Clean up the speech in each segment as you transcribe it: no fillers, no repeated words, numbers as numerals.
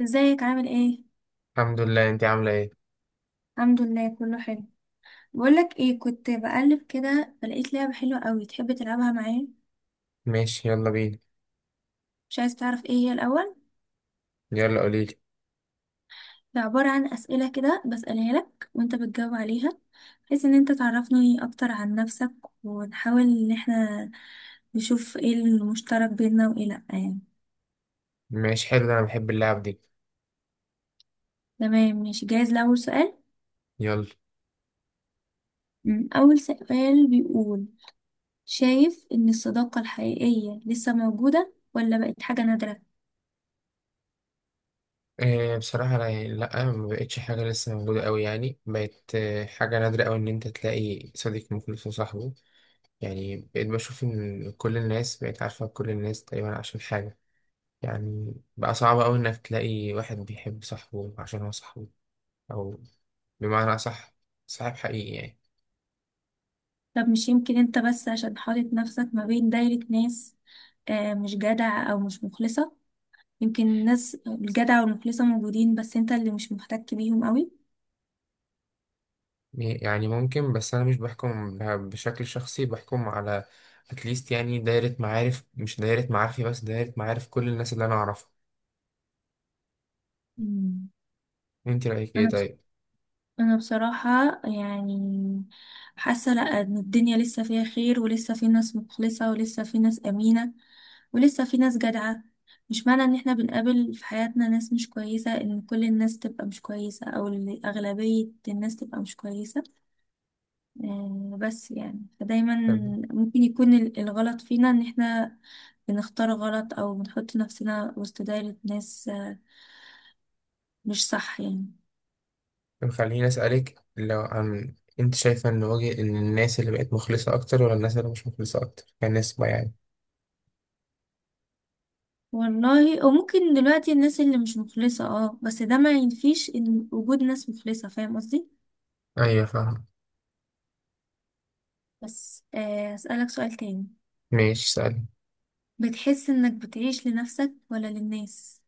ازيك؟ عامل ايه؟ الحمد لله، انت عاملة ايه؟ الحمد لله كله حلو. بقولك ايه، كنت بقلب كده فلقيت لعبة حلوة قوي، تحب تلعبها معايا؟ ماشي، يلا بينا. مش عايز تعرف ايه هي الاول؟ يلا قوليلي. هي عبارة عن اسئلة كده بسألها لك وانت بتجاوب عليها، بحيث ان انت تعرفني اكتر عن نفسك، ونحاول ان احنا نشوف ايه المشترك بيننا وايه لا يعني. ماشي، حلو. ده انا بحب اللعب دي. تمام، ماشي، جاهز لأول سؤال؟ يلا. اول سؤال بيقول: شايف ان الصداقة الحقيقية لسه موجودة ولا بقت حاجة نادرة؟ إيه، بصراحة انا يعني لا، ما بقتش حاجة، لسه موجودة قوي، يعني بقت حاجة نادرة قوي ان انت تلاقي صديق مخلص وصاحبه. يعني بقيت بشوف ان كل الناس بقت عارفة كل الناس تقريبا عشان حاجة. يعني بقى صعب قوي انك تلاقي واحد بيحب صاحبه عشان هو صاحبه، او بمعنى اصح صاحب حقيقي يعني. طب مش يمكن انت بس عشان حاطط نفسك ما بين دايرة ناس مش جدع او مش مخلصة؟ يمكن الناس الجدع والمخلصة موجودين بس انت اللي مش محتك بيهم قوي. يعني ممكن، بس انا مش بحكم بشكل شخصي، بحكم على اتليست يعني دايرة معارف، مش دايرة معارفي بس، دايرة معارف كل الناس اللي انا اعرفها. مم. انت رأيك ايه انا بس، طيب؟ انا بصراحة يعني حاسة لا ان الدنيا لسه فيها خير، ولسه في ناس مخلصة، ولسه في ناس امينة، ولسه في ناس جدعة. مش معنى ان احنا بنقابل في حياتنا ناس مش كويسة ان كل الناس تبقى مش كويسة، او إن اغلبية الناس تبقى مش كويسة. بس يعني فدايما طب ممكن يكون الغلط فينا ان احنا بنختار غلط، او بنحط نفسنا وسط دايرة ناس مش صح يعني. طب خليني اسألك لو عن، انت شايفة ان وجه ان الناس اللي بقت مخلصة اكتر ولا الناس اللي مش مخلصة اكتر كنسبة يعني؟ والله او ممكن دلوقتي الناس اللي مش مخلصة اه، بس ده ما ينفيش ان وجود ناس مخلصة، فاهم قصدي؟ ايوه فاهم. بس اسألك سؤال تاني: ماشي سألني. بتحس انك بتعيش لنفسك ولا للناس؟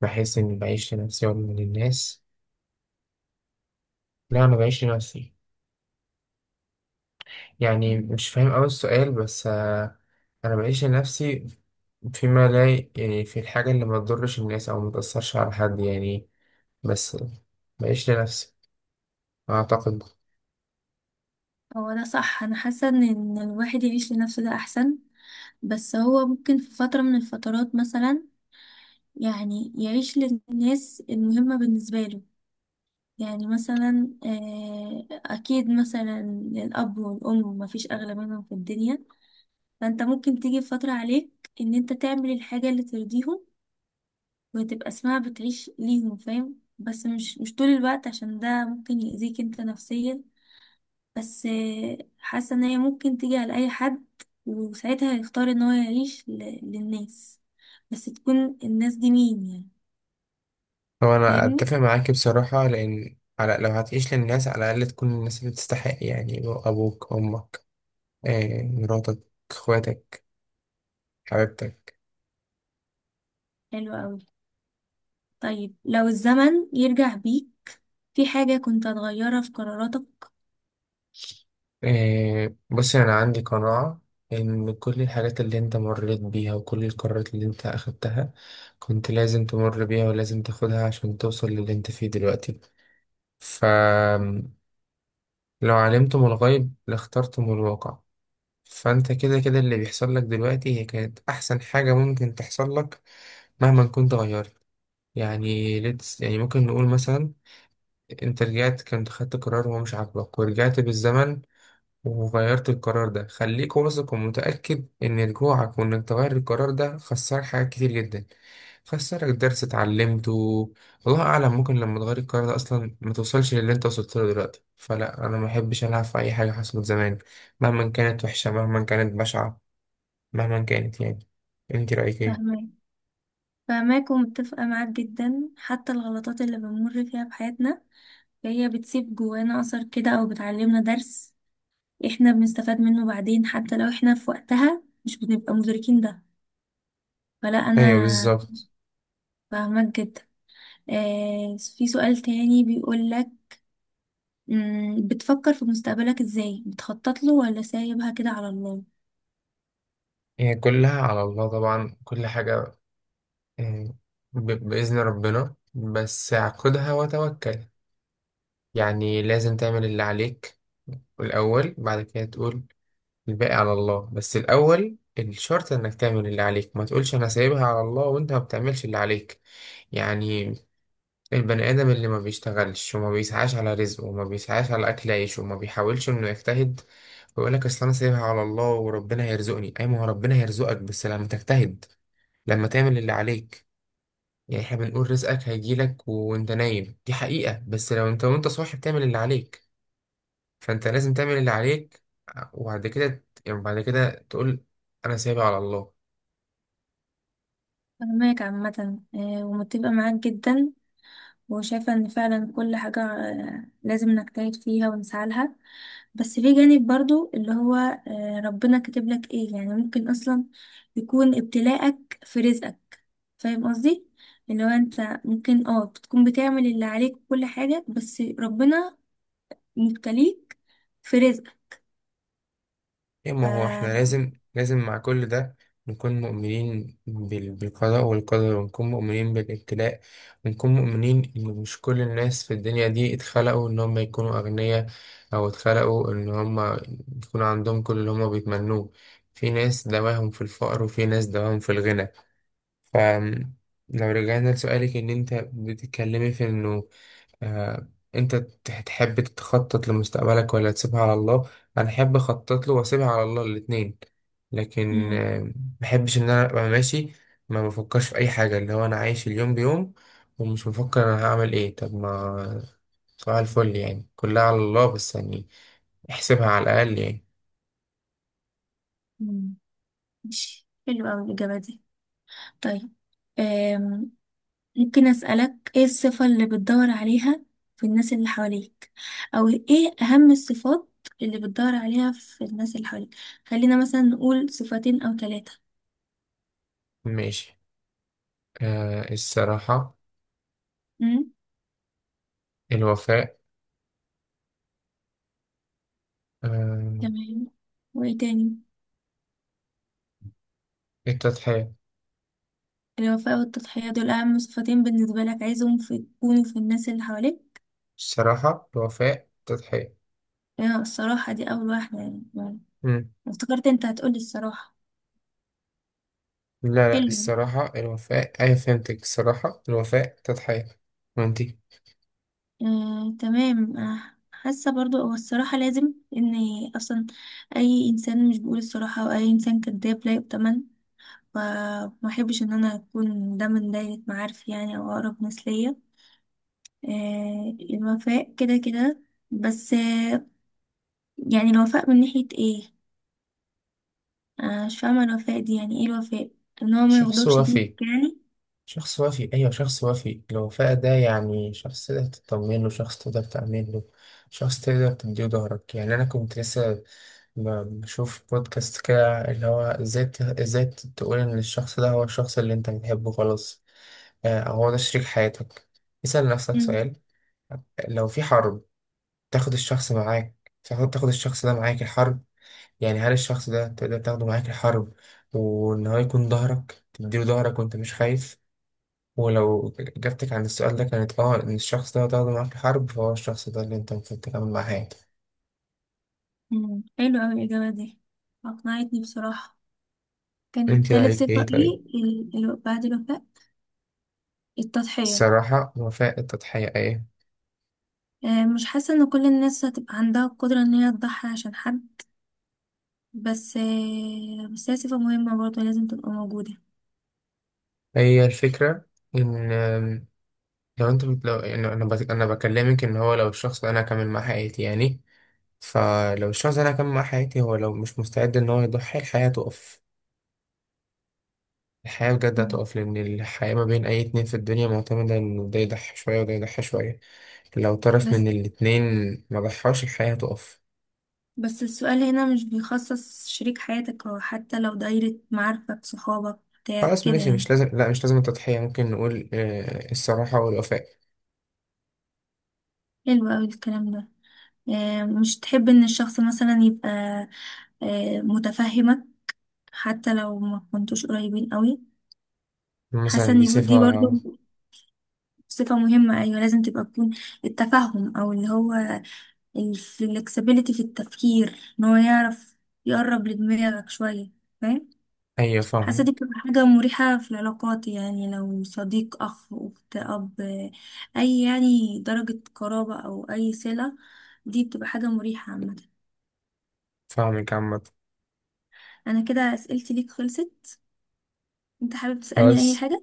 بحس اني بعيش لنفسي ولا للناس؟ لا، انا بعيش لنفسي. يعني مش فاهم أوي السؤال، بس أنا بعيش لنفسي فيما لا يعني في الحاجة اللي ما تضرش الناس أو ما تأثرش على حد يعني. بس بعيش لنفسي، أعتقد. هو ده صح، انا حاسة ان إن الواحد يعيش لنفسه ده احسن، بس هو ممكن في فترة من الفترات مثلا يعني يعيش للناس المهمة بالنسبة له. يعني مثلا أكيد مثلا الأب والأم مفيش أغلى منهم في الدنيا، فأنت ممكن تيجي فترة عليك إن أنت تعمل الحاجة اللي ترضيهم وتبقى اسمها بتعيش ليهم، فاهم؟ بس مش طول الوقت، عشان ده ممكن يأذيك أنت نفسيا. بس حاسة إن هي ممكن تيجي على أي حد، وساعتها هيختار إن هو يعيش للناس، بس تكون الناس دي مين يعني. هو أنا فاهمني؟ أتفق معاك بصراحة، لأن على لو هتعيش للناس على الأقل تكون الناس اللي تستحق، يعني أبوك، أمك، مراتك، إخواتك، حبيبتك. حلو أوي. طيب لو الزمن يرجع بيك، في حاجة كنت هتغيرها في قراراتك؟ إيه، بصي أنا عندي قناعة إن كل الحاجات اللي أنت مريت بيها وكل القرارات اللي أنت أخدتها كنت لازم تمر بيها ولازم تاخدها عشان توصل للي أنت فيه دلوقتي. فلو علمتم الغيب لاخترتم الواقع. فأنت كده كده اللي بيحصل لك دلوقتي هي كانت أحسن حاجة ممكن تحصل لك، مهما كنت غيرت. يعني ليتس يعني ممكن نقول مثلا أنت رجعت، كنت خدت قرار هو مش عاجبك ورجعت بالزمن وغيرت القرار ده. خليك واثق ومتأكد إن رجوعك وإنك تغير القرار ده خسرك حاجات كتير جدا، خسرك درس اتعلمته. والله أعلم ممكن لما تغير القرار ده أصلا ما توصلش للي أنت وصلت له دلوقتي. فلا، أنا ما أحبش ألعب في أي حاجة حصلت زمان، مهما كانت وحشة، مهما كانت بشعة، مهما كانت يعني. أنت رأيك إيه؟ فاهماك، فاهماك ومتفقة معاك جدا. حتى الغلطات اللي بنمر فيها في حياتنا هي بتسيب جوانا أثر كده، أو بتعلمنا درس احنا بنستفاد منه بعدين، حتى لو احنا في وقتها مش بنبقى مدركين ده. فلا، أنا أيوه، بالظبط. فاهماك جدا. آه، في سؤال تاني بيقولك: بتفكر في مستقبلك ازاي؟ بتخطط له ولا سايبها كده على الله؟ هي كلها على الله طبعا، كل حاجة. آه، بإذن ربنا، بس اعقدها وتوكل. يعني لازم تعمل اللي عليك الأول، بعد كده تقول الباقي على الله. بس الأول الشرط إنك تعمل اللي عليك، ما تقولش أنا سايبها على الله وأنت ما بتعملش اللي عليك. يعني البني آدم اللي ما بيشتغلش وما بيسعاش على رزقه وما بيسعاش على أكل عيشه وما بيحاولش إنه يجتهد، ويقول لك أصل أنا سايبها على الله وربنا هيرزقني، أي ما هو ربنا هيرزقك بس لما تجتهد، لما تعمل اللي عليك. يعني احنا بنقول رزقك هيجيلك وانت نايم، دي حقيقة، بس لو انت وانت صاحي بتعمل اللي عليك. فانت لازم تعمل اللي عليك، وبعد كده يعني بعد كده تقول انا سايبها على الله. فاهماك عامة، آه، ومتفقة معاك جدا، وشايفة ان فعلا كل حاجة لازم نجتهد فيها ونسعى لها. بس في جانب برضو اللي هو ربنا كاتب لك ايه. يعني ممكن اصلا يكون ابتلاءك في رزقك، فاهم قصدي؟ اللي هو انت ممكن اه بتكون بتعمل اللي عليك وكل حاجة، بس ربنا مبتليك في رزقك. يا ما ف هو احنا لازم مع كل ده نكون مؤمنين بالقضاء والقدر، ونكون مؤمنين بالابتلاء، ونكون مؤمنين ان مش كل الناس في الدنيا دي اتخلقوا ان هم يكونوا اغنياء، او اتخلقوا ان هم يكون عندهم كل اللي هم بيتمنوه. في ناس دواهم في الفقر، وفي ناس دواهم في الغنى. فلو رجعنا لسؤالك ان انت بتتكلمي في انه آه، انت تحب تخطط لمستقبلك ولا تسيبها على الله. انا احب اخطط له واسيبها على الله، الاتنين. لكن مم. ما بحبش ان انا ابقى ماشي ما بفكرش في اي حاجه، اللي هو انا عايش اليوم بيوم، ومش بفكر انا هعمل ايه. طب ما صباح الفل يعني كلها على الله، بس يعني احسبها على الاقل يعني. مم. ماشي، حلو اوي الاجابة دي. طيب ممكن أسألك ايه الصفة اللي بتدور عليها في الناس اللي حواليك، او ايه اهم الصفات اللي بتدور عليها في الناس اللي حواليك؟ خلينا مثلا نقول صفتين او ثلاثة. ماشي. الصراحه. امم، الوفاء. آه تمام. وايه تاني؟ التضحيه. الوفاء والتضحية، دول اهم صفتين بالنسبة لك عايزهم في يكونوا في الناس اللي حواليك؟ الصراحه، الوفاء، التضحيه. الصراحة دي اول واحدة يعني، افتكرت انت هتقولي الصراحة. لا لا، حلو. الصراحة، الوفاء، أيوة فهمتك، الصراحة، الوفاء، تضحية. وانتي؟ تمام. حاسة برضو هو الصراحة لازم، ان اصلا اي انسان مش بيقول الصراحة او اي انسان كذاب لا يؤتمن، فما احبش ان انا اكون ده من دايرة معارف يعني، او اقرب ناس ليا. الوفاء كده كده. بس يعني الوفاء من ناحية ايه؟ مش فاهمة الوفاء دي يعني ايه؟ الوفاء ان هو ما شخص يغدرش بيك وفي. يعني؟ شخص وفي، أيوة شخص وفي، الوفاء ده يعني شخص تقدر تطمن له، شخص تقدر تعمل له، شخص تقدر تديه ظهرك. يعني أنا كنت لسه بشوف بودكاست كده، اللي هو إزاي إزاي تقول إن الشخص ده هو الشخص اللي أنت بتحبه خلاص، أو هو ده شريك حياتك. اسأل نفسك مم، سؤال، لو في حرب تاخد الشخص معاك، تاخد الشخص ده معاك الحرب. يعني هل الشخص ده تقدر تاخده معاك الحرب وإن هو يكون ظهرك، تديله ظهرك وأنت مش خايف؟ ولو إجابتك عن السؤال ده كانت آه إن الشخص ده هتاخده معاك الحرب، فهو الشخص ده اللي أنت المفروض تكمل معاه حياتك. حلو اوي الاجابة دي، اقنعتني بصراحة. كانت أنت تالت رأيك صفة إيه طيب؟ ايه، بعد الوفاء؟ التضحية. الصراحة، وفاء، التضحية، إيه؟ مش حاسة ان كل الناس هتبقى عندها القدرة ان هي تضحي عشان حد، بس بس هي صفة مهمة برضه لازم تبقى موجودة. هي الفكرة إن لو أنت لو يعني أنا أنا بكلمك إن هو لو الشخص ده أنا هكمل معاه حياتي يعني. فلو الشخص ده أنا هكمل معاه حياتي، هو لو مش مستعد إن هو يضحي الحياة تقف. الحياة بجد مم. هتقف، لأن الحياة ما بين أي اتنين في الدنيا معتمدة إن ده يضحي شوية وده يضحي شوية. لو طرف بس من الاتنين ما ضحاش الحياة هتقف. بس السؤال هنا مش بيخصص شريك حياتك، او حتى لو دايرة معارفك، صحابك، بتاع خلاص كده ماشي، يعني. مش لازم، لا مش لازم التضحية، ممكن نقول الصراحة والوفاء. حلو اوي الكلام ده. مش تحب ان الشخص مثلا يبقى متفهمك، حتى لو ما كنتوش قريبين قوي؟ حاسه مثلا ان دي دي برضو صفة. صفه مهمه، ايوه لازم تبقى تكون. التفهم، او اللي هو الفلكسبيليتي في التفكير، ان هو يعرف يقرب لدماغك شوية، فاهم؟ أيوة حاسة دي فاهمك. بتبقى حاجة مريحة في العلاقات، يعني لو صديق، أخ، أخت، أب، أي يعني درجة قرابة أو أي صلة، دي بتبقى حاجة مريحة عامة. فاهمك عامة. أنا كده أسئلتي ليك خلصت، أنت حابب تسألني أي خلاص. حاجة؟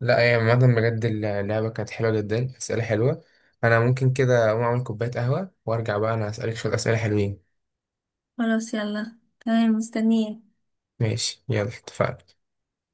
لا هي عامة بجد اللعبة كانت حلوة جدا، أسئلة حلوة. أنا ممكن كده أقوم أعمل كوباية قهوة وأرجع بقى أنا أسألك شوية أسئلة حلوين. خلاص يلا، تمام، مستنية. ماشي يلا اتفقنا.